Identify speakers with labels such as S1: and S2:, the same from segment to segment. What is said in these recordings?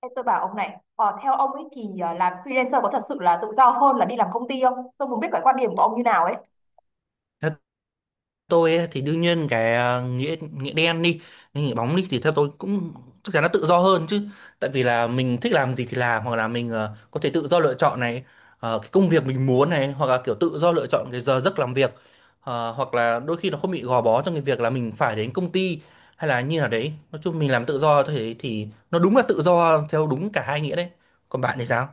S1: Ê, tôi bảo ông này, theo ông ấy thì làm freelancer có thật sự là tự do hơn là đi làm công ty không? Tôi muốn biết cái quan điểm của ông như nào ấy.
S2: Theo tôi ấy, thì đương nhiên cái nghĩa nghĩa đen đi hay nghĩa bóng đi thì theo tôi cũng chắc chắn nó tự do hơn chứ. Tại vì là mình thích làm gì thì làm, hoặc là mình có thể tự do lựa chọn này, cái công việc mình muốn này, hoặc là kiểu tự do lựa chọn cái giờ giấc làm việc. Hoặc là đôi khi nó không bị gò bó trong cái việc là mình phải đến công ty hay là như nào đấy. Nói chung mình làm tự do thế thì nó đúng là tự do theo đúng cả hai nghĩa đấy. Còn bạn thì sao?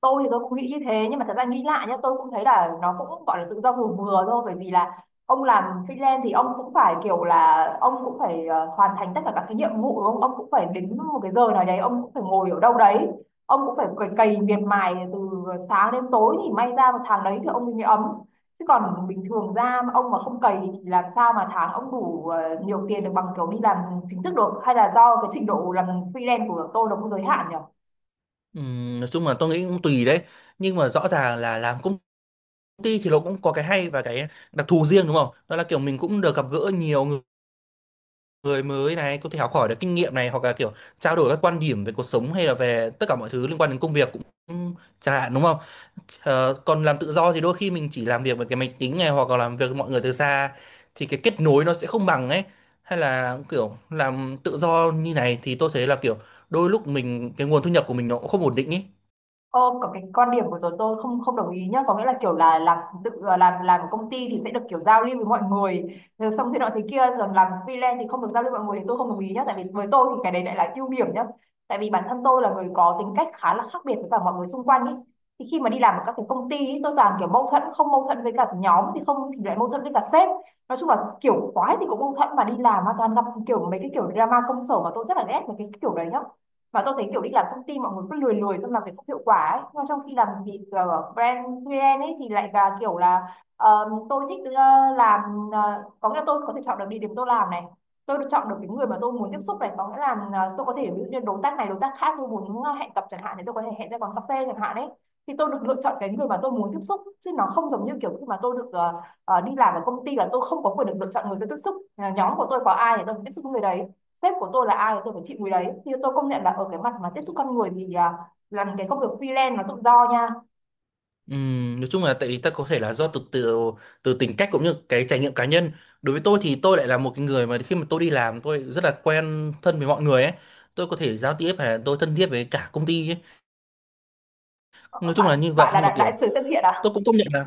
S1: Tôi thì tôi cũng nghĩ như thế, nhưng mà thật ra nghĩ lại nhá, tôi cũng thấy là nó cũng gọi là tự do vừa vừa thôi, bởi vì là ông làm freelance thì ông cũng phải kiểu là ông cũng phải hoàn thành tất cả các cái nhiệm vụ đúng không, ông cũng phải đến một cái giờ nào đấy, ông cũng phải ngồi ở đâu đấy, ông cũng phải cày, cày miệt mài từ sáng đến tối thì may ra một tháng đấy thì ông mới ấm. Chứ còn bình thường ra mà ông mà không cày thì làm sao mà tháng ông đủ nhiều tiền được bằng kiểu đi làm chính thức được, hay là do cái trình độ làm freelance của tôi nó cũng giới hạn nhỉ.
S2: Nói chung là tôi nghĩ cũng tùy đấy, nhưng mà rõ ràng là làm công ty thì nó cũng có cái hay và cái đặc thù riêng, đúng không? Đó là kiểu mình cũng được gặp gỡ nhiều người người mới này, có thể học hỏi được kinh nghiệm này, hoặc là kiểu trao đổi các quan điểm về cuộc sống hay là về tất cả mọi thứ liên quan đến công việc cũng chẳng hạn, đúng không? Còn làm tự do thì đôi khi mình chỉ làm việc với cái máy tính này, hoặc là làm việc với mọi người từ xa, thì cái kết nối nó sẽ không bằng ấy. Hay là kiểu làm tự do như này thì tôi thấy là kiểu đôi lúc mình cái nguồn thu nhập của mình nó cũng không ổn định ấy.
S1: Ờ, có cái quan điểm của tớ tôi không không đồng ý nhá, có nghĩa là kiểu là làm tự làm ở công ty thì sẽ được kiểu giao lưu với mọi người rồi xong thế nọ thế kia, rồi làm freelance thì không được giao lưu với mọi người, thì tôi không đồng ý nhá, tại vì với tôi thì cái đấy lại là ưu điểm nhá. Tại vì bản thân tôi là người có tính cách khá là khác biệt với cả mọi người xung quanh ý, thì khi mà đi làm ở các cái công ty ý, tôi toàn kiểu mâu thuẫn, không mâu thuẫn với cả nhóm thì không thì lại mâu thuẫn với cả sếp. Nói chung là kiểu quái thì cũng mâu thuẫn, mà đi làm mà toàn gặp kiểu mấy cái kiểu drama công sở mà tôi rất là ghét mấy cái kiểu đấy nhá. Và tôi thấy kiểu đi làm công ty mọi người cứ lười lười xong làm việc không hiệu quả ấy. Nhưng mà trong khi làm việc brand freelance ấy thì lại là kiểu là tôi thích, làm, có nghĩa là tôi có thể chọn được địa điểm tôi làm này, tôi được chọn được cái người mà tôi muốn tiếp xúc này, có nghĩa là tôi có thể ví dụ như đối tác này đối tác khác tôi muốn hẹn gặp chẳng hạn, thì tôi có thể hẹn ra quán cà phê chẳng hạn ấy. Thì tôi được lựa chọn cái người mà tôi muốn tiếp xúc, chứ nó không giống như kiểu khi mà tôi được đi làm ở công ty là tôi không có quyền được lựa chọn người tôi tiếp xúc. Nhóm của tôi có ai thì tôi tiếp xúc với người đấy, sếp của tôi là ai thì tôi phải chịu mùi đấy. Thì tôi công nhận là ở cái mặt mà tiếp xúc con người thì làm cái công việc freelance nó tự do nha.
S2: Nói chung là tại vì ta có thể là do từ từ từ tính cách cũng như cái trải nghiệm cá nhân. Đối với tôi thì tôi lại là một cái người mà khi mà tôi đi làm tôi rất là quen thân với mọi người ấy. Tôi có thể giao tiếp hay là tôi thân thiết với cả công ty ấy.
S1: Ờ,
S2: Nói chung là
S1: bạn
S2: như
S1: bạn
S2: vậy,
S1: là
S2: nhưng mà
S1: đại
S2: kiểu
S1: sứ thân thiện à.
S2: tôi cũng công nhận là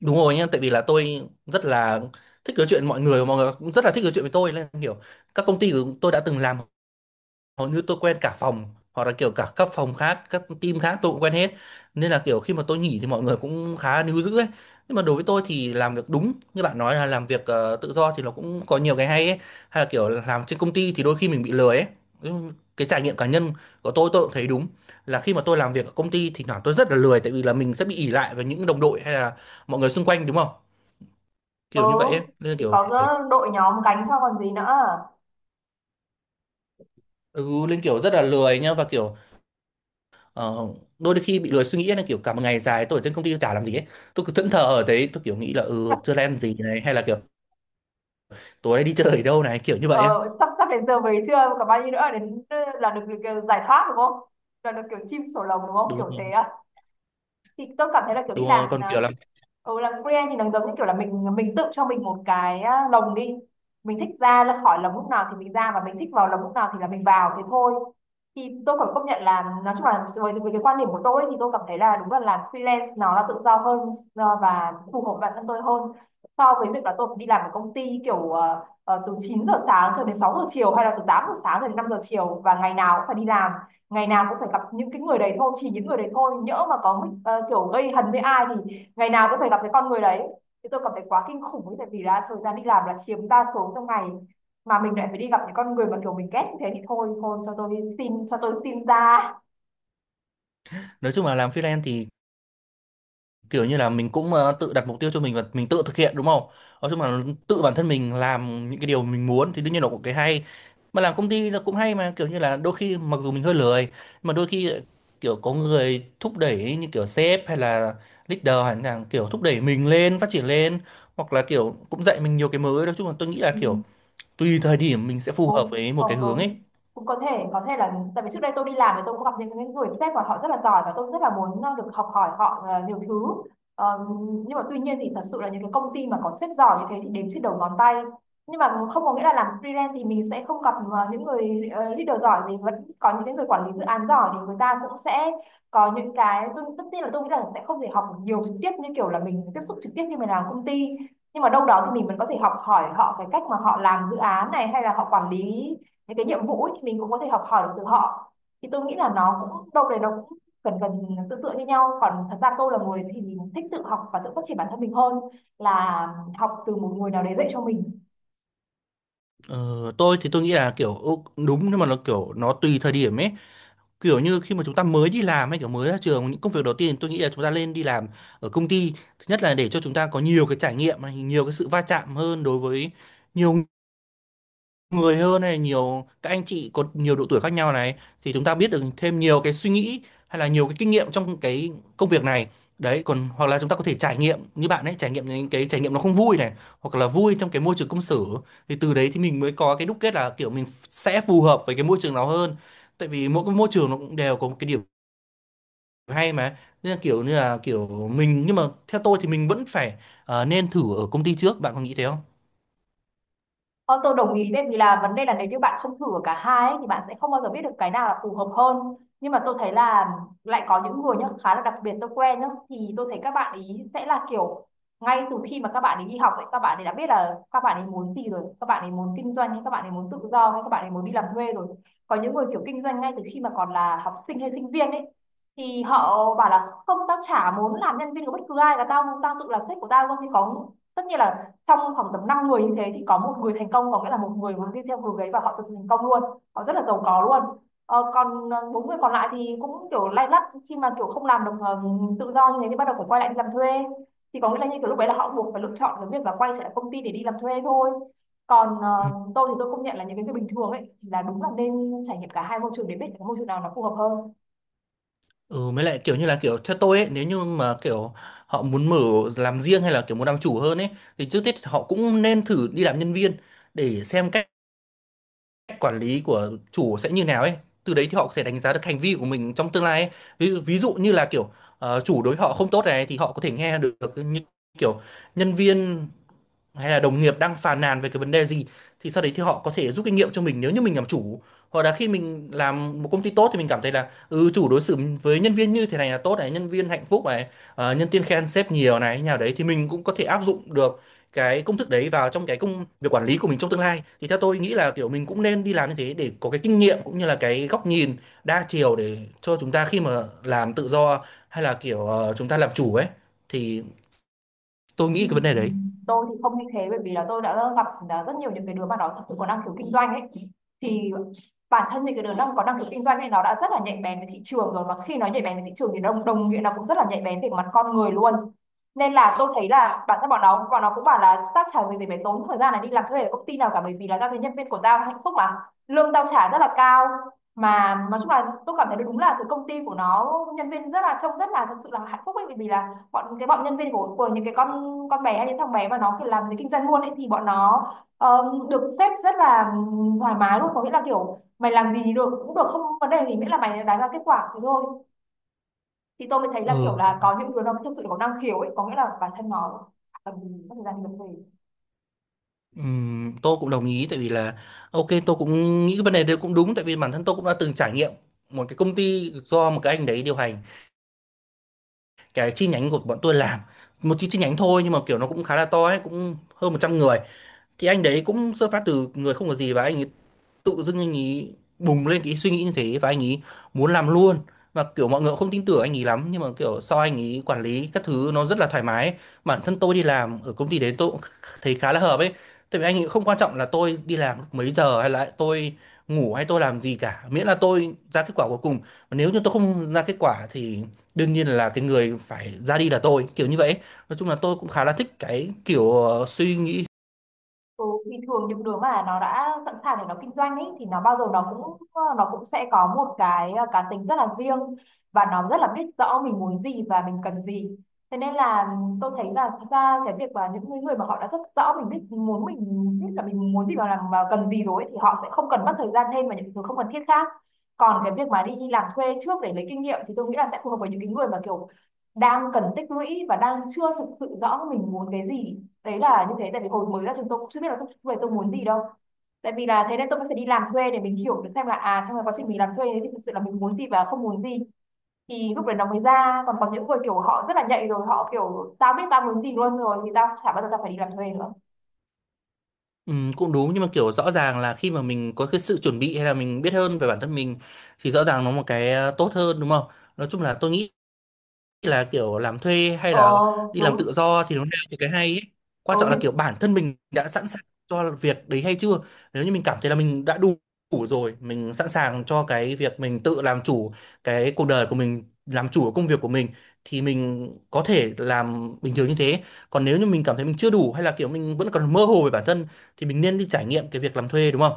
S2: đúng rồi nha. Tại vì là tôi rất là thích nói chuyện với mọi người và mọi người cũng rất là thích nói chuyện với tôi, nên kiểu các công ty của tôi đã từng làm hầu như tôi quen cả phòng, hoặc là kiểu cả các phòng khác, các team khác tôi cũng quen hết. Nên là kiểu khi mà tôi nghỉ thì mọi người cũng khá níu giữ ấy. Nhưng mà đối với tôi thì làm việc đúng như bạn nói, là làm việc tự do thì nó cũng có nhiều cái hay ấy. Hay là kiểu làm trên công ty thì đôi khi mình bị lười ấy. Cái trải nghiệm cá nhân của tôi cũng thấy đúng là khi mà tôi làm việc ở công ty thì thoảng tôi rất là lười, tại vì là mình sẽ bị ỷ lại vào những đồng đội hay là mọi người xung quanh, đúng không,
S1: Ừ,
S2: kiểu như vậy ấy. Nên là
S1: thì
S2: kiểu
S1: có đội nhóm gánh cho còn gì nữa.
S2: ừ, nên kiểu rất là lười nhá, và kiểu Ờ, đôi khi bị lười suy nghĩ là kiểu cả một ngày dài tôi ở trên công ty tôi chả làm gì ấy. Tôi cứ thẫn thờ ở đấy, tôi kiểu nghĩ là ừ chưa làm gì này, hay là kiểu tối nay đi chơi ở đâu này, kiểu như vậy ấy.
S1: Ờ, sắp sắp đến giờ về chưa, còn bao nhiêu nữa đến là được giải thoát đúng không, là được kiểu chim sổ lồng đúng không, kiểu thế
S2: Đúng,
S1: à. Thì tôi cảm thấy là kiểu
S2: đúng
S1: đi làm
S2: rồi. Còn kiểu làm,
S1: làm freelance thì nó giống như kiểu là mình tự cho mình một cái lồng đi, mình thích ra là khỏi lồng lúc nào thì mình ra, và mình thích vào lồng lúc nào thì là mình vào thế thôi. Thì tôi phải công nhận là nói chung là với cái quan điểm của tôi ấy, thì tôi cảm thấy là đúng là làm freelance nó là tự do hơn và phù hợp bản thân tôi hơn, so với việc là tôi phải đi làm ở công ty kiểu từ 9 giờ sáng cho đến 6 giờ chiều, hay là từ 8 giờ sáng cho đến 5 giờ chiều, và ngày nào cũng phải đi làm, ngày nào cũng phải gặp những cái người đấy thôi, chỉ những người đấy thôi, nhỡ mà có kiểu gây hấn với ai thì ngày nào cũng phải gặp cái con người đấy, thì tôi cảm thấy quá kinh khủng ấy, tại vì là thời gian đi làm là chiếm đa số trong ngày, mà mình lại phải đi gặp những con người mà kiểu mình ghét như thế thì thôi thôi cho tôi xin, cho tôi xin ra.
S2: nói chung là làm freelance thì kiểu như là mình cũng tự đặt mục tiêu cho mình và mình tự thực hiện, đúng không? Nói chung là tự bản thân mình làm những cái điều mình muốn thì đương nhiên là cũng cái hay. Mà làm công ty nó cũng hay mà, kiểu như là đôi khi mặc dù mình hơi lười nhưng mà đôi khi lại kiểu có người thúc đẩy, như kiểu sếp hay là leader, hay là kiểu thúc đẩy mình lên, phát triển lên, hoặc là kiểu cũng dạy mình nhiều cái mới. Nói chung là tôi nghĩ là kiểu tùy thời điểm mình sẽ phù hợp với một cái
S1: Còn
S2: hướng ấy.
S1: đúng, cũng có thể là tại vì trước đây tôi đi làm thì tôi cũng gặp những người sếp mà họ rất là giỏi, và tôi rất là muốn được học hỏi họ nhiều thứ. Ờ, nhưng mà tuy nhiên thì thật sự là những cái công ty mà có sếp giỏi như thế thì đếm trên đầu ngón tay, nhưng mà không có nghĩa là làm freelance thì mình sẽ không gặp những người leader giỏi, thì vẫn có những cái người quản lý dự án giỏi thì người ta cũng sẽ có những cái, tôi tất nhiên là tôi nghĩ là sẽ không thể học nhiều trực tiếp như kiểu là mình tiếp xúc trực tiếp như mình làm công ty, nhưng mà đâu đó thì mình vẫn có thể học hỏi họ cái cách mà họ làm dự án này, hay là họ quản lý những cái nhiệm vụ ấy, thì mình cũng có thể học hỏi được từ họ. Thì tôi nghĩ là nó cũng đâu đấy nó cũng gần tương tự như nhau, còn thật ra tôi là người thì mình thích tự học và tự phát triển bản thân mình hơn là học từ một người nào đấy dạy cho mình.
S2: Ờ, tôi thì tôi nghĩ là kiểu đúng, nhưng mà nó kiểu nó tùy thời điểm ấy. Kiểu như khi mà chúng ta mới đi làm hay kiểu mới ra trường, những công việc đầu tiên tôi nghĩ là chúng ta lên đi làm ở công ty. Thứ nhất là để cho chúng ta có nhiều cái trải nghiệm này, nhiều cái sự va chạm hơn đối với nhiều người hơn này, nhiều các anh chị có nhiều độ tuổi khác nhau này, thì chúng ta biết được thêm nhiều cái suy nghĩ hay là nhiều cái kinh nghiệm trong cái công việc này đấy. Còn hoặc là chúng ta có thể trải nghiệm như bạn ấy trải nghiệm, những cái trải nghiệm nó không vui này hoặc là vui trong cái môi trường công sở, thì từ đấy thì mình mới có cái đúc kết là kiểu mình sẽ phù hợp với cái môi trường nào hơn. Tại vì mỗi cái môi trường nó cũng đều có một cái điểm hay mà. Bây giờ kiểu như là kiểu mình, nhưng mà theo tôi thì mình vẫn phải nên thử ở công ty trước, bạn có nghĩ thế không?
S1: Không, tôi đồng ý đấy, vì là vấn đề là nếu như bạn không thử ở cả hai ấy, thì bạn sẽ không bao giờ biết được cái nào là phù hợp hơn. Nhưng mà tôi thấy là lại có những người nhá, khá là đặc biệt tôi quen nhá, thì tôi thấy các bạn ý sẽ là kiểu ngay từ khi mà các bạn ấy đi học ấy, các bạn ấy đã biết là các bạn ấy muốn gì rồi, các bạn ấy muốn kinh doanh, hay các bạn ấy muốn tự do, hay các bạn ấy muốn đi làm thuê rồi. Có những người kiểu kinh doanh ngay từ khi mà còn là học sinh hay sinh viên ấy, thì họ bảo là không, tao chả muốn làm nhân viên của bất cứ ai, là tao tao tự là sếp của tao luôn. Thì có, tất nhiên là trong khoảng tầm 5 người như thế thì có một người thành công, có nghĩa là một người muốn đi theo hướng đấy và họ thực sự thành công luôn, họ rất là giàu có luôn. Còn bốn người còn lại thì cũng kiểu lay lắt, khi mà kiểu không làm được tự do như thế thì bắt đầu phải quay lại đi làm thuê, thì có nghĩa là như kiểu lúc đấy là họ buộc phải lựa chọn cái việc là quay trở lại công ty để đi làm thuê thôi. Còn
S2: Ừ.
S1: tôi thì tôi công nhận là những cái việc bình thường ấy là đúng là nên trải nghiệm cả hai môi trường để biết cái môi trường nào nó phù hợp hơn.
S2: Ừ, mới lại kiểu như là kiểu theo tôi ấy, nếu như mà kiểu họ muốn mở, làm riêng hay là kiểu muốn làm chủ hơn ấy, thì trước hết họ cũng nên thử đi làm nhân viên, để xem cách cách quản lý của chủ sẽ như nào ấy. Từ đấy thì họ có thể đánh giá được hành vi của mình trong tương lai ấy. Ví dụ như là kiểu chủ đối họ không tốt này, thì họ có thể nghe được những kiểu nhân viên hay là đồng nghiệp đang phàn nàn về cái vấn đề gì, thì sau đấy thì họ có thể rút kinh nghiệm cho mình nếu như mình làm chủ. Hoặc là khi mình làm một công ty tốt thì mình cảm thấy là ừ chủ đối xử với nhân viên như thế này là tốt này, nhân viên hạnh phúc này, nhân viên khen sếp nhiều này như nào đấy, thì mình cũng có thể áp dụng được cái công thức đấy vào trong cái công việc quản lý của mình trong tương lai. Thì theo tôi nghĩ là kiểu mình cũng nên đi làm như thế để có cái kinh nghiệm cũng như là cái góc nhìn đa chiều, để cho chúng ta khi mà làm tự do hay là kiểu chúng ta làm chủ ấy, thì tôi
S1: Ừ.
S2: nghĩ cái vấn đề đấy.
S1: Tôi thì không như thế bởi vì là tôi đã gặp rất nhiều những cái đứa mà nó thật sự có năng khiếu kinh doanh ấy. Thì bản thân những cái đứa đang có năng khiếu kinh doanh thì nó đã rất là nhạy bén với thị trường rồi, mà khi nó nhạy bén với thị trường thì đồng đồng nghĩa là cũng rất là nhạy bén về mặt con người luôn. Nên là tôi thấy là bản thân bọn nó cũng bảo là tao chả vì gì phải tốn thời gian này đi làm thuê ở công ty nào cả, bởi vì là tao thấy nhân viên của tao hạnh phúc mà, lương tao trả rất là cao. Mà nói chung là tôi cảm thấy đúng là cái công ty của nó nhân viên rất là, trông rất là thật sự là hạnh phúc ấy, bởi vì là bọn, cái bọn nhân viên của những cái con bé hay những thằng bé mà nó kiểu làm cái kinh doanh luôn ấy, thì bọn nó được sếp rất là thoải mái luôn, có nghĩa là kiểu mày làm gì thì được, cũng được, không vấn đề gì, miễn là mày đạt ra kết quả thì thôi. Thì tôi mới thấy là kiểu
S2: Ừ.
S1: là có những đứa nó thực sự có năng khiếu ấy, có nghĩa là bản thân nó chả cần gì mất thời gian đi vấn đề.
S2: Tôi cũng đồng ý, tại vì là ok tôi cũng nghĩ cái vấn đề đấy cũng đúng. Tại vì bản thân tôi cũng đã từng trải nghiệm một cái công ty do một cái anh đấy điều hành, cái chi nhánh của bọn tôi làm một chi chi nhánh thôi, nhưng mà kiểu nó cũng khá là to ấy, cũng hơn 100 người. Thì anh đấy cũng xuất phát từ người không có gì, và anh ấy tự dưng anh ấy bùng lên cái suy nghĩ như thế, và anh ấy muốn làm luôn. Và kiểu mọi người cũng không tin tưởng anh ấy lắm, nhưng mà kiểu sau anh ấy quản lý các thứ nó rất là thoải mái ấy. Bản thân tôi đi làm ở công ty đấy, tôi cũng thấy khá là hợp ấy. Tại vì anh ấy không quan trọng là tôi đi làm lúc mấy giờ hay là tôi ngủ hay tôi làm gì cả, miễn là tôi ra kết quả cuối cùng. Và nếu như tôi không ra kết quả thì đương nhiên là cái người phải ra đi là tôi, kiểu như vậy ấy. Nói chung là tôi cũng khá là thích cái kiểu suy nghĩ.
S1: Ừ, thì thường những đứa mà nó đã sẵn sàng để nó kinh doanh ấy thì nó bao giờ nó cũng, nó cũng sẽ có một cái cá tính rất là riêng, và nó rất là biết rõ mình muốn gì và mình cần gì. Thế nên là tôi thấy là thật ra cái việc mà những người người mà họ đã rất rõ mình biết muốn mình, biết là mình muốn gì và làm và cần gì rồi ấy, thì họ sẽ không cần mất thời gian thêm vào những thứ không cần thiết khác. Còn cái việc mà đi làm thuê trước để lấy kinh nghiệm thì tôi nghĩ là sẽ phù hợp với những cái người mà kiểu đang cần tích lũy và đang chưa thực sự rõ mình muốn cái gì. Đấy là như thế, tại vì hồi mới ra trường tôi cũng chưa biết là tôi muốn gì đâu. Tại vì là thế nên tôi mới phải đi làm thuê để mình hiểu được xem là à, trong cái quá trình mình làm thuê đấy thì thực sự là mình muốn gì và không muốn gì, thì lúc đấy nó mới ra. Còn có những người kiểu họ rất là nhạy rồi, họ kiểu tao biết tao muốn gì luôn rồi thì tao chả bao giờ tao phải đi làm thuê nữa.
S2: Cũng đúng, nhưng mà, kiểu, rõ ràng là khi mà mình có cái sự chuẩn bị hay là mình biết hơn về bản thân mình, thì rõ ràng nó một cái, tốt hơn, đúng không? Nói chung là tôi nghĩ là kiểu làm thuê hay
S1: Ờ,
S2: là đi làm tự
S1: đúng.
S2: do thì nó đều có cái hay ấy.
S1: Ừ,
S2: Quan trọng là
S1: nhưng.
S2: kiểu bản thân mình đã sẵn sàng cho việc đấy hay chưa. Nếu như mình cảm thấy là mình đã đủ, đủ rồi, mình sẵn sàng cho cái việc mình tự làm chủ cái cuộc đời của mình, làm chủ công việc của mình, thì mình có thể làm bình thường như thế. Còn nếu như mình cảm thấy mình chưa đủ hay là kiểu mình vẫn còn mơ hồ về bản thân, thì mình nên đi trải nghiệm cái việc làm thuê, đúng không?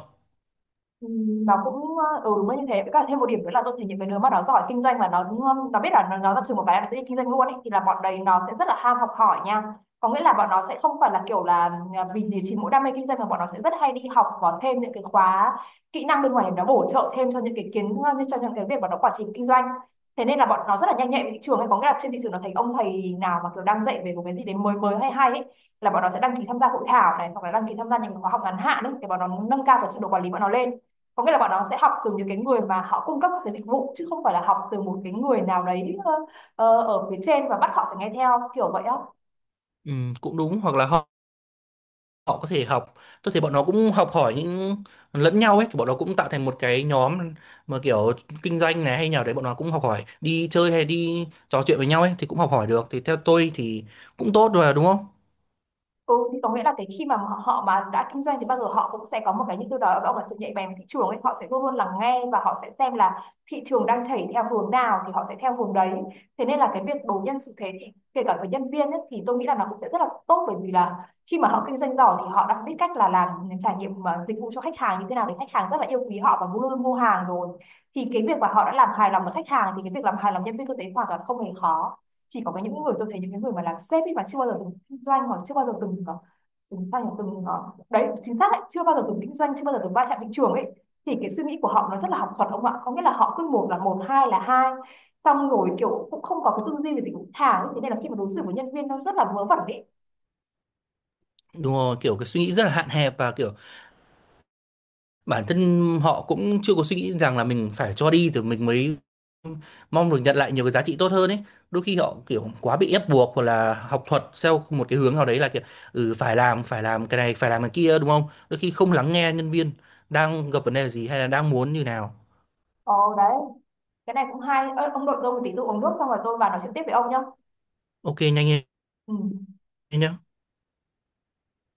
S1: Ừ, nó cũng ừ, đúng là như thế, với cả thêm một điểm nữa là tôi thấy những cái đứa mà nó giỏi kinh doanh mà nó biết là nó ra trường một cái là nó sẽ đi kinh doanh luôn ấy, thì là bọn đấy nó sẽ rất là ham học hỏi nha. Có nghĩa là bọn nó sẽ không phải là kiểu là vì gì chỉ mỗi đam mê kinh doanh, mà bọn nó sẽ rất hay đi học, có thêm những cái khóa kỹ năng bên ngoài để nó bổ trợ thêm cho những cái kiến, như cho những cái việc mà nó quản trị kinh doanh. Thế nên là bọn nó rất là nhanh nhạy với thị trường ấy, có nghĩa là trên thị trường nó thấy ông thầy nào mà kiểu đang dạy về một cái gì đấy mới mới hay hay ấy, là bọn nó sẽ đăng ký tham gia hội thảo này, hoặc là đăng ký tham gia những khóa học ngắn hạn ấy, để bọn nó nâng cao cái trình độ quản lý bọn nó lên. Có nghĩa là bọn nó sẽ học từ những cái người mà họ cung cấp cái dịch vụ, chứ không phải là học từ một cái người nào đấy ở phía trên và bắt họ phải nghe theo kiểu vậy á.
S2: Ừ, cũng đúng. Hoặc là họ có thể học, tôi thấy bọn nó cũng học hỏi những lẫn nhau ấy, thì bọn nó cũng tạo thành một cái nhóm mà kiểu kinh doanh này hay nào đấy, bọn nó cũng học hỏi đi chơi hay đi trò chuyện với nhau ấy thì cũng học hỏi được, thì theo tôi thì cũng tốt mà, đúng không?
S1: Ừ, thì có nghĩa là cái khi mà họ họ mà đã kinh doanh thì bao giờ họ cũng sẽ có một cái như tôi nói, đó là sự nhạy bén của thị trường ấy. Họ sẽ luôn luôn lắng nghe và họ sẽ xem là thị trường đang chảy theo hướng nào thì họ sẽ theo hướng đấy. Thế nên là cái việc đối nhân xử thế thì kể cả với nhân viên ấy, thì tôi nghĩ là nó cũng sẽ rất là tốt, bởi vì là khi mà họ kinh doanh giỏi thì họ đã biết cách là làm trải nghiệm mà dịch vụ cho khách hàng như thế nào để khách hàng rất là yêu quý họ và luôn luôn mua hàng rồi. Thì cái việc mà họ đã làm hài lòng được khách hàng thì cái việc làm hài lòng nhân viên tôi thấy hoàn toàn không hề khó. Chỉ có cái, những người tôi thấy những cái người mà làm sếp ấy mà chưa bao giờ từng kinh doanh, hoặc chưa bao giờ từng từng sao nhỉ, từng đấy, chính xác đấy, chưa bao giờ từng kinh doanh, chưa bao giờ từng va chạm thị trường ấy, thì cái suy nghĩ của họ nó rất là học thuật ông ạ, có nghĩa là họ cứ một là một hai là hai, xong rồi kiểu cũng không có cái tư duy về tính thả ấy. Thế nên là khi mà đối xử với nhân viên nó rất là vớ vẩn ấy.
S2: Đúng rồi, kiểu cái suy nghĩ rất là hạn hẹp, và kiểu bản thân họ cũng chưa có suy nghĩ rằng là mình phải cho đi thì mình mới mong được nhận lại nhiều cái giá trị tốt hơn ấy. Đôi khi họ kiểu quá bị ép buộc hoặc là học thuật theo một cái hướng nào đấy, là kiểu ừ phải làm cái này, phải làm cái kia, đúng không? Đôi khi không lắng nghe nhân viên đang gặp vấn đề gì hay là đang muốn như nào.
S1: Ồ đấy, cái này cũng hay. Ơ, ông nội tôi một tí, tôi uống nước xong rồi tôi vào nói chuyện tiếp với ông nhá.
S2: Ok, nhanh lên
S1: Ừ.
S2: nhé.